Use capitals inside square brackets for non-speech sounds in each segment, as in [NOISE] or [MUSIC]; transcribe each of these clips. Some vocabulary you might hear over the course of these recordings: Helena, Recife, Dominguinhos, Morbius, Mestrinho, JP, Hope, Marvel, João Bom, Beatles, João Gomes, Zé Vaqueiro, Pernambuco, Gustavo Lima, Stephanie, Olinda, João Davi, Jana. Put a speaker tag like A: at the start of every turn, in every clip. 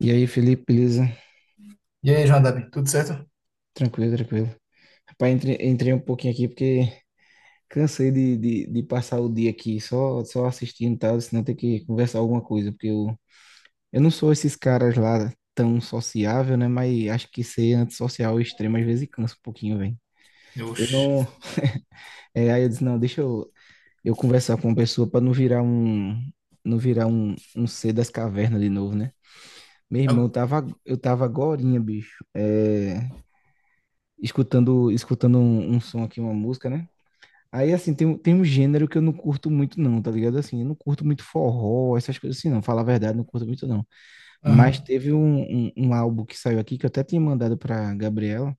A: E aí, Felipe, beleza?
B: E aí, João Davi, tudo certo?
A: Tranquilo, tranquilo. Rapaz, entrei um pouquinho aqui porque cansei de passar o dia aqui só assistindo e tal, senão ter que conversar alguma coisa, porque eu não sou esses caras lá tão sociável, né? Mas acho que ser antissocial extremo às vezes cansa um pouquinho, velho. Eu
B: Deus.
A: não. Aí eu disse, não, deixa eu conversar com uma pessoa pra não virar um. Não virar um ser das cavernas de novo, né? Meu irmão, eu
B: Eu,
A: tava, eu tava agorinha, bicho. Escutando um som aqui, uma música, né? Aí, assim, tem um gênero que eu não curto muito, não, tá ligado? Assim, eu não curto muito forró, essas coisas assim, não. Falar a verdade, não curto muito, não. Mas
B: Aham.
A: teve um álbum que saiu aqui, que eu até tinha mandado pra Gabriela,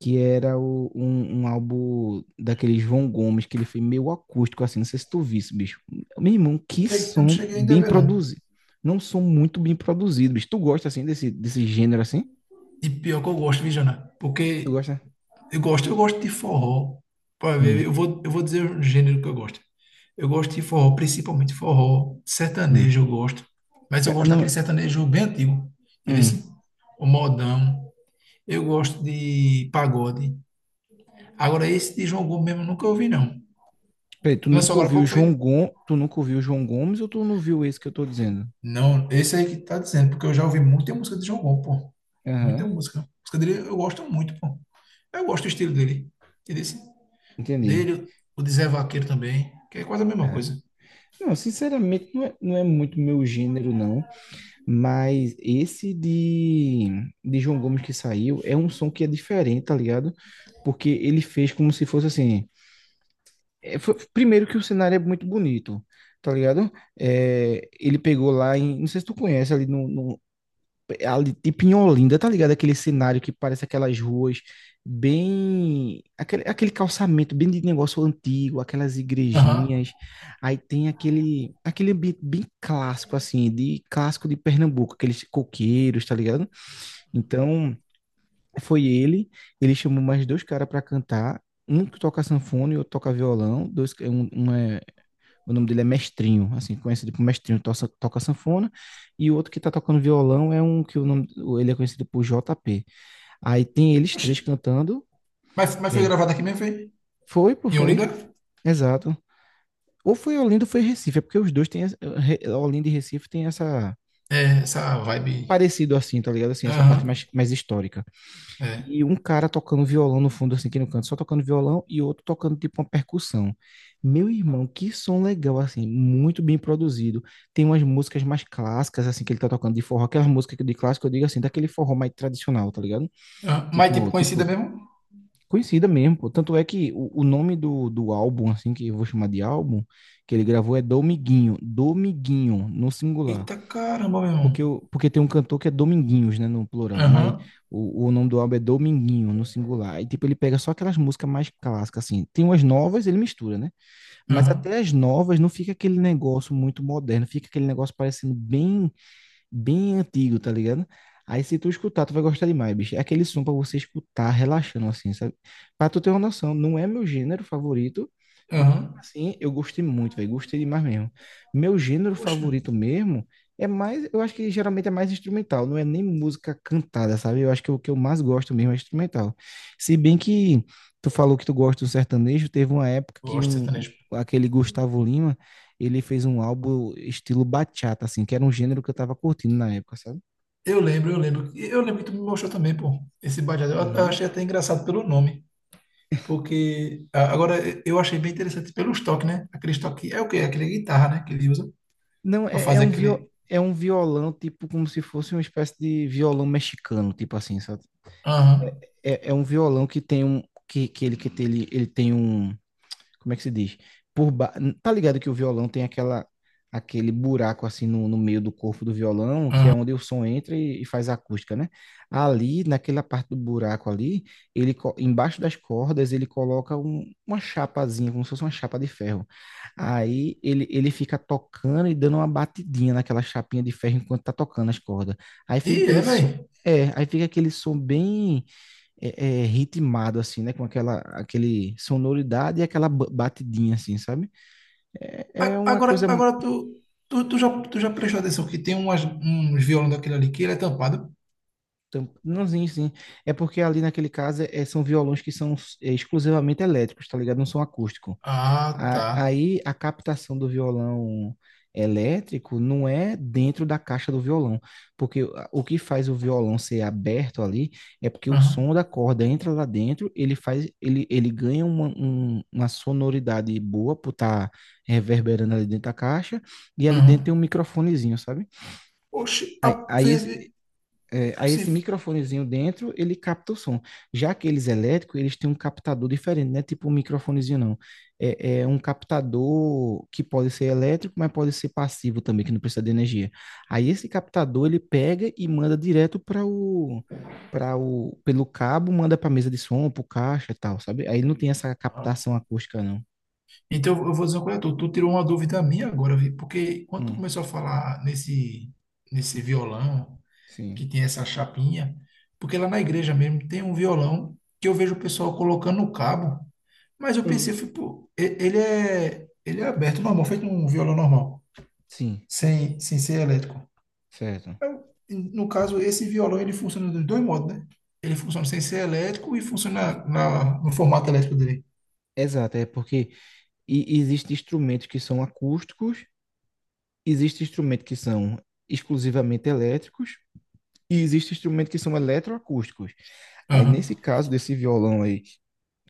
A: que era um álbum daquele João Gomes, que ele fez meio acústico, assim. Não sei se tu visse, bicho. Meu irmão, que
B: Eu não
A: som
B: cheguei ainda a
A: bem
B: ver, não.
A: produzido. Não um som muito bem produzido, bicho. Tu gosta, assim, desse gênero, assim?
B: E pior que eu gosto, viu, Jana?
A: Tu
B: Porque
A: gosta?
B: eu gosto de forró. Pra ver,
A: Hum,
B: eu vou dizer o gênero que eu gosto. Eu gosto de forró, principalmente forró.
A: hum.
B: Sertanejo eu gosto. Mas eu gosto
A: Não,
B: daquele sertanejo bem antigo. Entendeu?
A: hum.
B: Assim? O modão. Eu gosto de pagode. Agora, esse de João Gomes mesmo eu nunca ouvi, não.
A: Peraí, tu
B: Lançou
A: nunca
B: agora há
A: ouviu
B: pouco, foi?
A: João Gomes, tu nunca ouviu João Gomes ou tu não viu esse que eu tô dizendo?
B: Não, esse aí que tá dizendo, porque eu já ouvi muita música de João Bom, pô. Muita
A: Aham,
B: música. A música dele eu gosto muito, pô. Eu gosto do estilo dele. E
A: entendi.
B: dele, o de Zé Vaqueiro também, que é quase a mesma
A: É.
B: coisa.
A: Não, sinceramente, não é muito meu gênero, não. Mas esse de João Gomes que saiu é um som que é diferente, tá ligado? Porque ele fez como se fosse assim. Primeiro que o cenário é muito bonito, tá ligado? Ele pegou lá em. Não sei se tu conhece ali no, é ali, tipo em Olinda, tá ligado? Aquele cenário que parece aquelas ruas bem. Aquele calçamento bem de negócio antigo, aquelas
B: Aham.
A: igrejinhas. Aí tem aquele ambiente bem clássico, assim, de clássico de Pernambuco, aqueles coqueiros, tá ligado? Então, foi ele, ele chamou mais dois caras pra cantar. Um que toca sanfona e outro toca violão, dois. O nome dele é Mestrinho, assim, conhecido por Mestrinho, toca sanfona. E o outro que tá tocando violão é um que o nome, ele é conhecido por JP. Aí tem eles
B: Oxi.
A: três cantando.
B: Mas foi
A: É.
B: gravado aqui mesmo, foi?
A: Foi, pô,
B: Em Olinda?
A: foi. Exato. Ou foi Olinda ou foi Recife, é porque os dois têm. Olinda e Recife tem essa.
B: É, essa vibe.
A: Parecido assim, tá ligado? Assim, essa parte mais,
B: Aham.
A: mais histórica.
B: É.
A: E um cara tocando violão no fundo, assim, aqui no canto, só tocando violão, e outro tocando tipo uma percussão. Meu irmão, que som legal, assim, muito bem produzido. Tem umas músicas mais clássicas, assim, que ele tá tocando de forró, aquelas músicas que de clássico, eu digo assim, daquele forró mais tradicional, tá ligado?
B: Aham. Mas tipo
A: Tipo,
B: conhecida
A: tipo,
B: mesmo?
A: conhecida mesmo, pô. Tanto é que o nome do álbum, assim, que eu vou chamar de álbum, que ele gravou é Domiguinho, Domiguinho, no singular.
B: Eita caramba, meu irmão.
A: Porque tem um cantor que é Dominguinhos, né, no plural, mas
B: Aham.
A: o nome do álbum é Dominguinho, no singular. E, tipo, ele pega só aquelas músicas mais clássicas, assim. Tem umas novas, ele mistura, né? Mas
B: Aham.
A: até as novas não fica aquele negócio muito moderno, fica aquele negócio parecendo bem antigo, tá ligado? Aí se tu escutar, tu vai gostar demais, bicho. É aquele som pra você escutar relaxando, assim, sabe? Pra tu ter uma noção, não é meu gênero favorito, mas mesmo
B: Aham.
A: assim, eu gostei muito, velho. Gostei demais mesmo. Meu gênero
B: Poxa.
A: favorito mesmo é mais, eu acho que geralmente é mais instrumental, não é nem música cantada, sabe? Eu acho que o que eu mais gosto mesmo é instrumental. Se bem que tu falou que tu gosta do sertanejo, teve uma época que
B: Gosto de
A: um,
B: sertanejo.
A: aquele Gustavo Lima ele fez um álbum estilo bachata, assim, que era um gênero que eu tava curtindo na época, sabe?
B: Eu lembro. Eu lembro que tu me mostrou também, pô, esse badeado. Eu
A: Uhum.
B: achei até engraçado pelo nome, porque agora eu achei bem interessante pelos toques, né? Aqueles toques, é o quê? Aquele guitarra, né? Que ele usa
A: Não,
B: pra fazer aquele...
A: é um violão, tipo, como se fosse uma espécie de violão mexicano, tipo assim, sabe?
B: Aham.
A: É um violão que tem um... que ele tem um... como é que se diz? Por ba... Tá ligado que o violão tem aquela aquele buraco assim no, no meio do corpo do violão, que é onde o som entra e faz a acústica, né? Ali, naquela parte do buraco ali, embaixo das cordas, ele coloca uma chapazinha, como se fosse uma chapa de ferro. Aí ele fica tocando e dando uma batidinha naquela chapinha de ferro enquanto tá tocando as cordas. Aí
B: E
A: fica
B: é,
A: aquele som,
B: velho.
A: aí fica aquele som bem ritmado, assim, né? Com aquela aquele sonoridade e aquela batidinha, assim, sabe? É, é uma
B: Agora,
A: coisa.
B: agora tu, tu, tu já, tu já prestou atenção que tem umas, uns violão daquele ali que ele é tampado?
A: Não, É porque ali naquele caso são violões que são exclusivamente elétricos, tá ligado? Não são acústicos.
B: Ah, tá.
A: Aí a captação do violão elétrico não é dentro da caixa do violão, porque o que faz o violão ser aberto ali é porque o
B: Aham,
A: som da corda entra lá dentro, ele ganha uma sonoridade boa por estar reverberando ali dentro da caixa, e ali dentro tem um
B: aham.
A: microfonezinho, sabe?
B: Oxi, a...
A: Aí, aí
B: vê-
A: esse,
B: vê-
A: Aí
B: se...
A: esse microfonezinho dentro, ele capta o som. Já aqueles elétricos, eles têm um captador diferente, não é tipo um microfonezinho, não. É um captador que pode ser elétrico, mas pode ser passivo também, que não precisa de energia. Aí esse captador, ele pega e manda direto pelo cabo, manda para a mesa de som, para o caixa e tal, sabe? Aí não tem essa
B: ah.
A: captação acústica, não.
B: Então, eu vou dizer uma coisa, tu tirou uma dúvida minha agora, vi, porque quando tu
A: Hum,
B: começou a falar nesse violão,
A: sim,
B: que tem essa chapinha, porque lá na igreja mesmo tem um violão que eu vejo o pessoal colocando no cabo, mas eu
A: Hum.
B: pensei, fui, pô, ele é aberto, normal, feito um violão normal,
A: sim,
B: sem ser elétrico.
A: certo.
B: No caso, esse violão, ele funciona dos dois modos, né? Ele funciona sem ser elétrico e funciona no formato elétrico dele.
A: Exato, é porque existem instrumentos que são acústicos. Existem instrumentos que são exclusivamente elétricos e existem instrumentos que são eletroacústicos. Aí,
B: Aham,
A: nesse caso desse violão aí,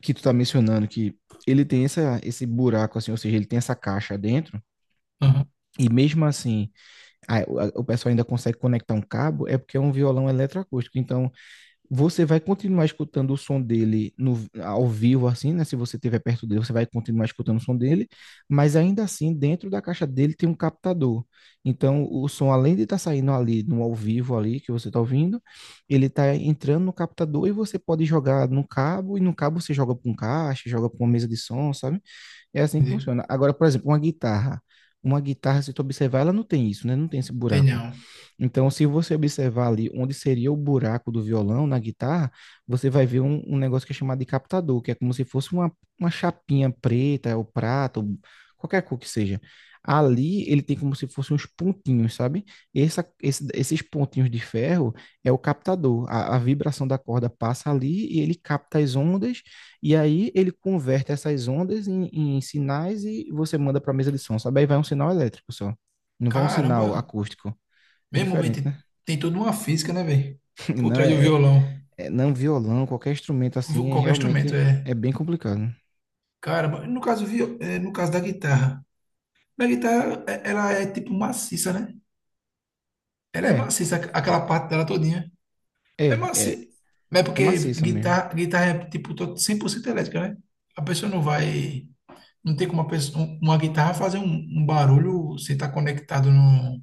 A: que tu tá mencionando, que ele tem esse buraco, assim, ou seja, ele tem essa caixa dentro,
B: aham,
A: e mesmo assim, o pessoal ainda consegue conectar um cabo, é porque é um violão eletroacústico. Então, você vai continuar escutando o som dele no, ao vivo, assim, né? Se você estiver perto dele, você vai continuar escutando o som dele, mas ainda assim, dentro da caixa dele tem um captador. Então, o som, além de estar saindo ali no ao vivo ali que você está ouvindo, ele está entrando no captador e você pode jogar no cabo, e no cabo você joga para um caixa, joga para uma mesa de som, sabe? É assim que
B: entendi.
A: funciona. Agora, por exemplo, uma guitarra. Uma guitarra, se tu observar, ela não tem isso, né? Não tem esse
B: Tem
A: buraco.
B: não.
A: Então, se você observar ali onde seria o buraco do violão na guitarra, você vai ver um negócio que é chamado de captador, que é como se fosse uma chapinha preta, ou prata, ou qualquer cor que seja. Ali ele tem como se fossem uns pontinhos, sabe? Esses pontinhos de ferro é o captador. A vibração da corda passa ali e ele capta as ondas, e aí ele converte essas ondas em, em sinais e você manda para a mesa de som, sabe? Aí vai um sinal elétrico só. Não vai um sinal
B: Caramba,
A: acústico. É
B: mesmo, velho,
A: diferente, né?
B: tem toda uma física, né, velho?
A: [LAUGHS]
B: Por
A: Não
B: trás do
A: é, é-
B: violão.
A: não violão, qualquer instrumento assim,
B: Qualquer instrumento,
A: realmente
B: é.
A: é bem complicado.
B: Caramba, no caso, no caso da guitarra. Na guitarra, ela é tipo maciça, né? Ela é
A: É,
B: maciça,
A: é,
B: aquela parte dela todinha. É
A: é, é,
B: maciça. Mas é
A: é
B: porque
A: maciça mesmo.
B: guitarra é tipo 100% elétrica, né? A pessoa não vai. Não tem como uma, pessoa, uma guitarra fazer um barulho sem estar conectado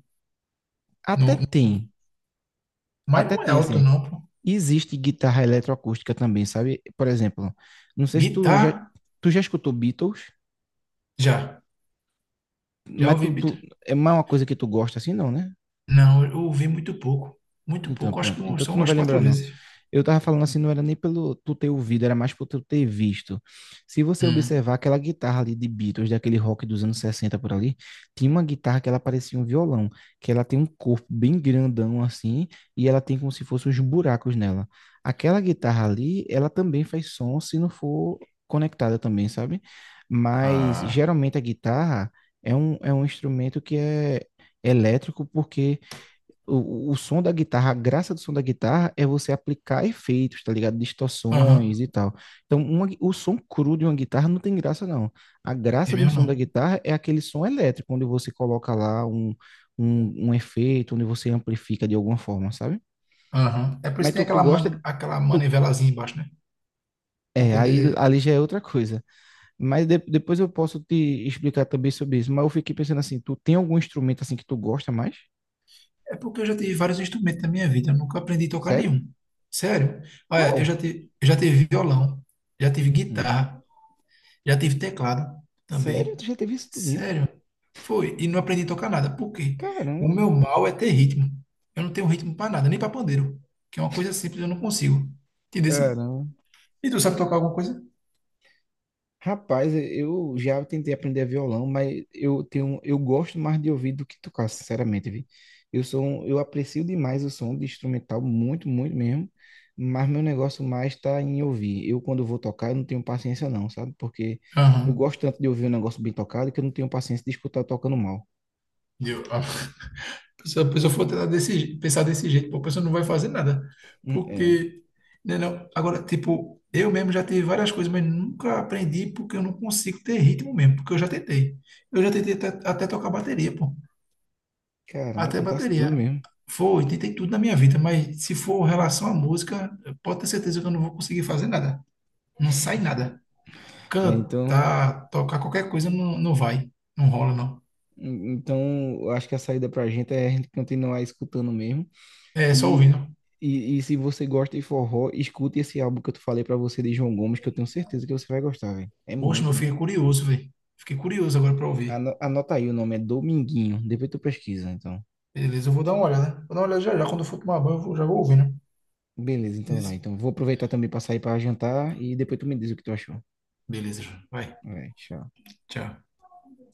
A: Até
B: no.
A: tem,
B: Mas
A: até
B: não é
A: tem
B: alto,
A: assim.
B: não, pô.
A: Existe guitarra eletroacústica também, sabe? Por exemplo, não sei se tu já,
B: Guitarra,
A: tu já escutou Beatles,
B: já. Já
A: mas
B: ouvi.
A: tu é mais uma coisa que tu gosta assim, não, né?
B: Não, eu ouvi muito pouco. Muito
A: Então,
B: pouco. Acho que
A: pronto.
B: um,
A: Então
B: são
A: tu não
B: umas
A: vai
B: quatro
A: lembrar, não.
B: vezes.
A: Eu tava falando assim, não era nem pelo tu ter ouvido, era mais por tu ter visto. Se você
B: Hum.
A: observar aquela guitarra ali de Beatles, daquele rock dos anos 60 por ali, tinha uma guitarra que ela parecia um violão, que ela tem um corpo bem grandão assim, e ela tem como se fossem uns buracos nela. Aquela guitarra ali, ela também faz som se não for conectada também, sabe? Mas
B: Ah.
A: geralmente a guitarra é um instrumento que é elétrico porque o som da guitarra, a graça do som da guitarra é você aplicar efeitos, tá ligado?
B: Aham.
A: Distorções e tal. Então, o som cru de uma guitarra não tem graça, não. A
B: É
A: graça de um
B: mesmo
A: som da
B: não.
A: guitarra é aquele som elétrico, onde você coloca lá um efeito, onde você amplifica de alguma forma, sabe?
B: Aham. É por isso
A: Mas
B: que tem
A: tu, tu gosta.
B: aquela
A: Tu-
B: manivelazinha embaixo, né? Pra
A: é, Aí
B: poder.
A: ali já é outra coisa. Mas depois eu posso te explicar também sobre isso. Mas eu fiquei pensando assim, tu tem algum instrumento assim que tu gosta mais?
B: É porque eu já tive vários instrumentos na minha vida. Eu nunca aprendi a tocar
A: Sério?
B: nenhum. Sério. Olha, eu
A: Qual?
B: já tive, eu já tive violão. Já tive
A: Hum.
B: guitarra. Já tive teclado
A: Sério?
B: também.
A: Tu já teve isso tudo?
B: Sério? Foi. E não aprendi a tocar nada. Por quê? O
A: Caramba,
B: meu mal é ter ritmo. Eu não tenho ritmo para nada, nem para pandeiro, que é uma coisa simples, eu não consigo. Entendeu?
A: caramba.
B: E tu sabe tocar alguma coisa?
A: Rapaz, eu já tentei aprender violão, mas eu tenho, eu gosto mais de ouvir do que tocar, sinceramente, vi. Eu aprecio demais o som de instrumental, muito, muito mesmo, mas meu negócio mais está em ouvir. Eu, quando vou tocar, eu não tenho paciência não, sabe? Porque eu
B: Aham.
A: gosto tanto de ouvir um negócio bem tocado que eu não tenho paciência de escutar tocando mal.
B: Eu, a pessoa for tentar pensar desse jeito, pô, a pessoa não vai fazer nada.
A: É,
B: Porque, né, não. Agora, tipo, eu mesmo já tive várias coisas, mas nunca aprendi porque eu não consigo ter ritmo mesmo, porque eu já tentei. Eu já tentei até tocar bateria, pô.
A: caramba,
B: Até
A: tentasse tudo
B: bateria.
A: mesmo.
B: Foi, tentei tudo na minha vida, mas se for relação à música, pode ter certeza que eu não vou conseguir fazer nada. Não sai nada.
A: É, então,
B: Cantar, tocar qualquer coisa não, não vai. Não rola, não.
A: então, eu acho que a saída pra gente é a gente continuar escutando mesmo.
B: É só ouvindo.
A: E, e se você gosta de forró, escute esse álbum que eu falei pra você de João Gomes, que eu tenho certeza que você vai gostar, velho. É
B: Poxa,
A: muito
B: meu,
A: bom.
B: fiquei curioso, velho. Fiquei curioso agora pra ouvir.
A: Anota aí o nome, é Dominguinho. Depois tu pesquisa, então.
B: Beleza, eu vou dar uma olhada. Né? Vou dar uma olhada já já. Quando eu for tomar banho, já vou ouvindo.
A: Beleza, então
B: Beleza,
A: vai. Então vou aproveitar também pra sair pra jantar e depois tu me diz o que tu achou.
B: Vai.
A: Vai, tchau.
B: Tchau.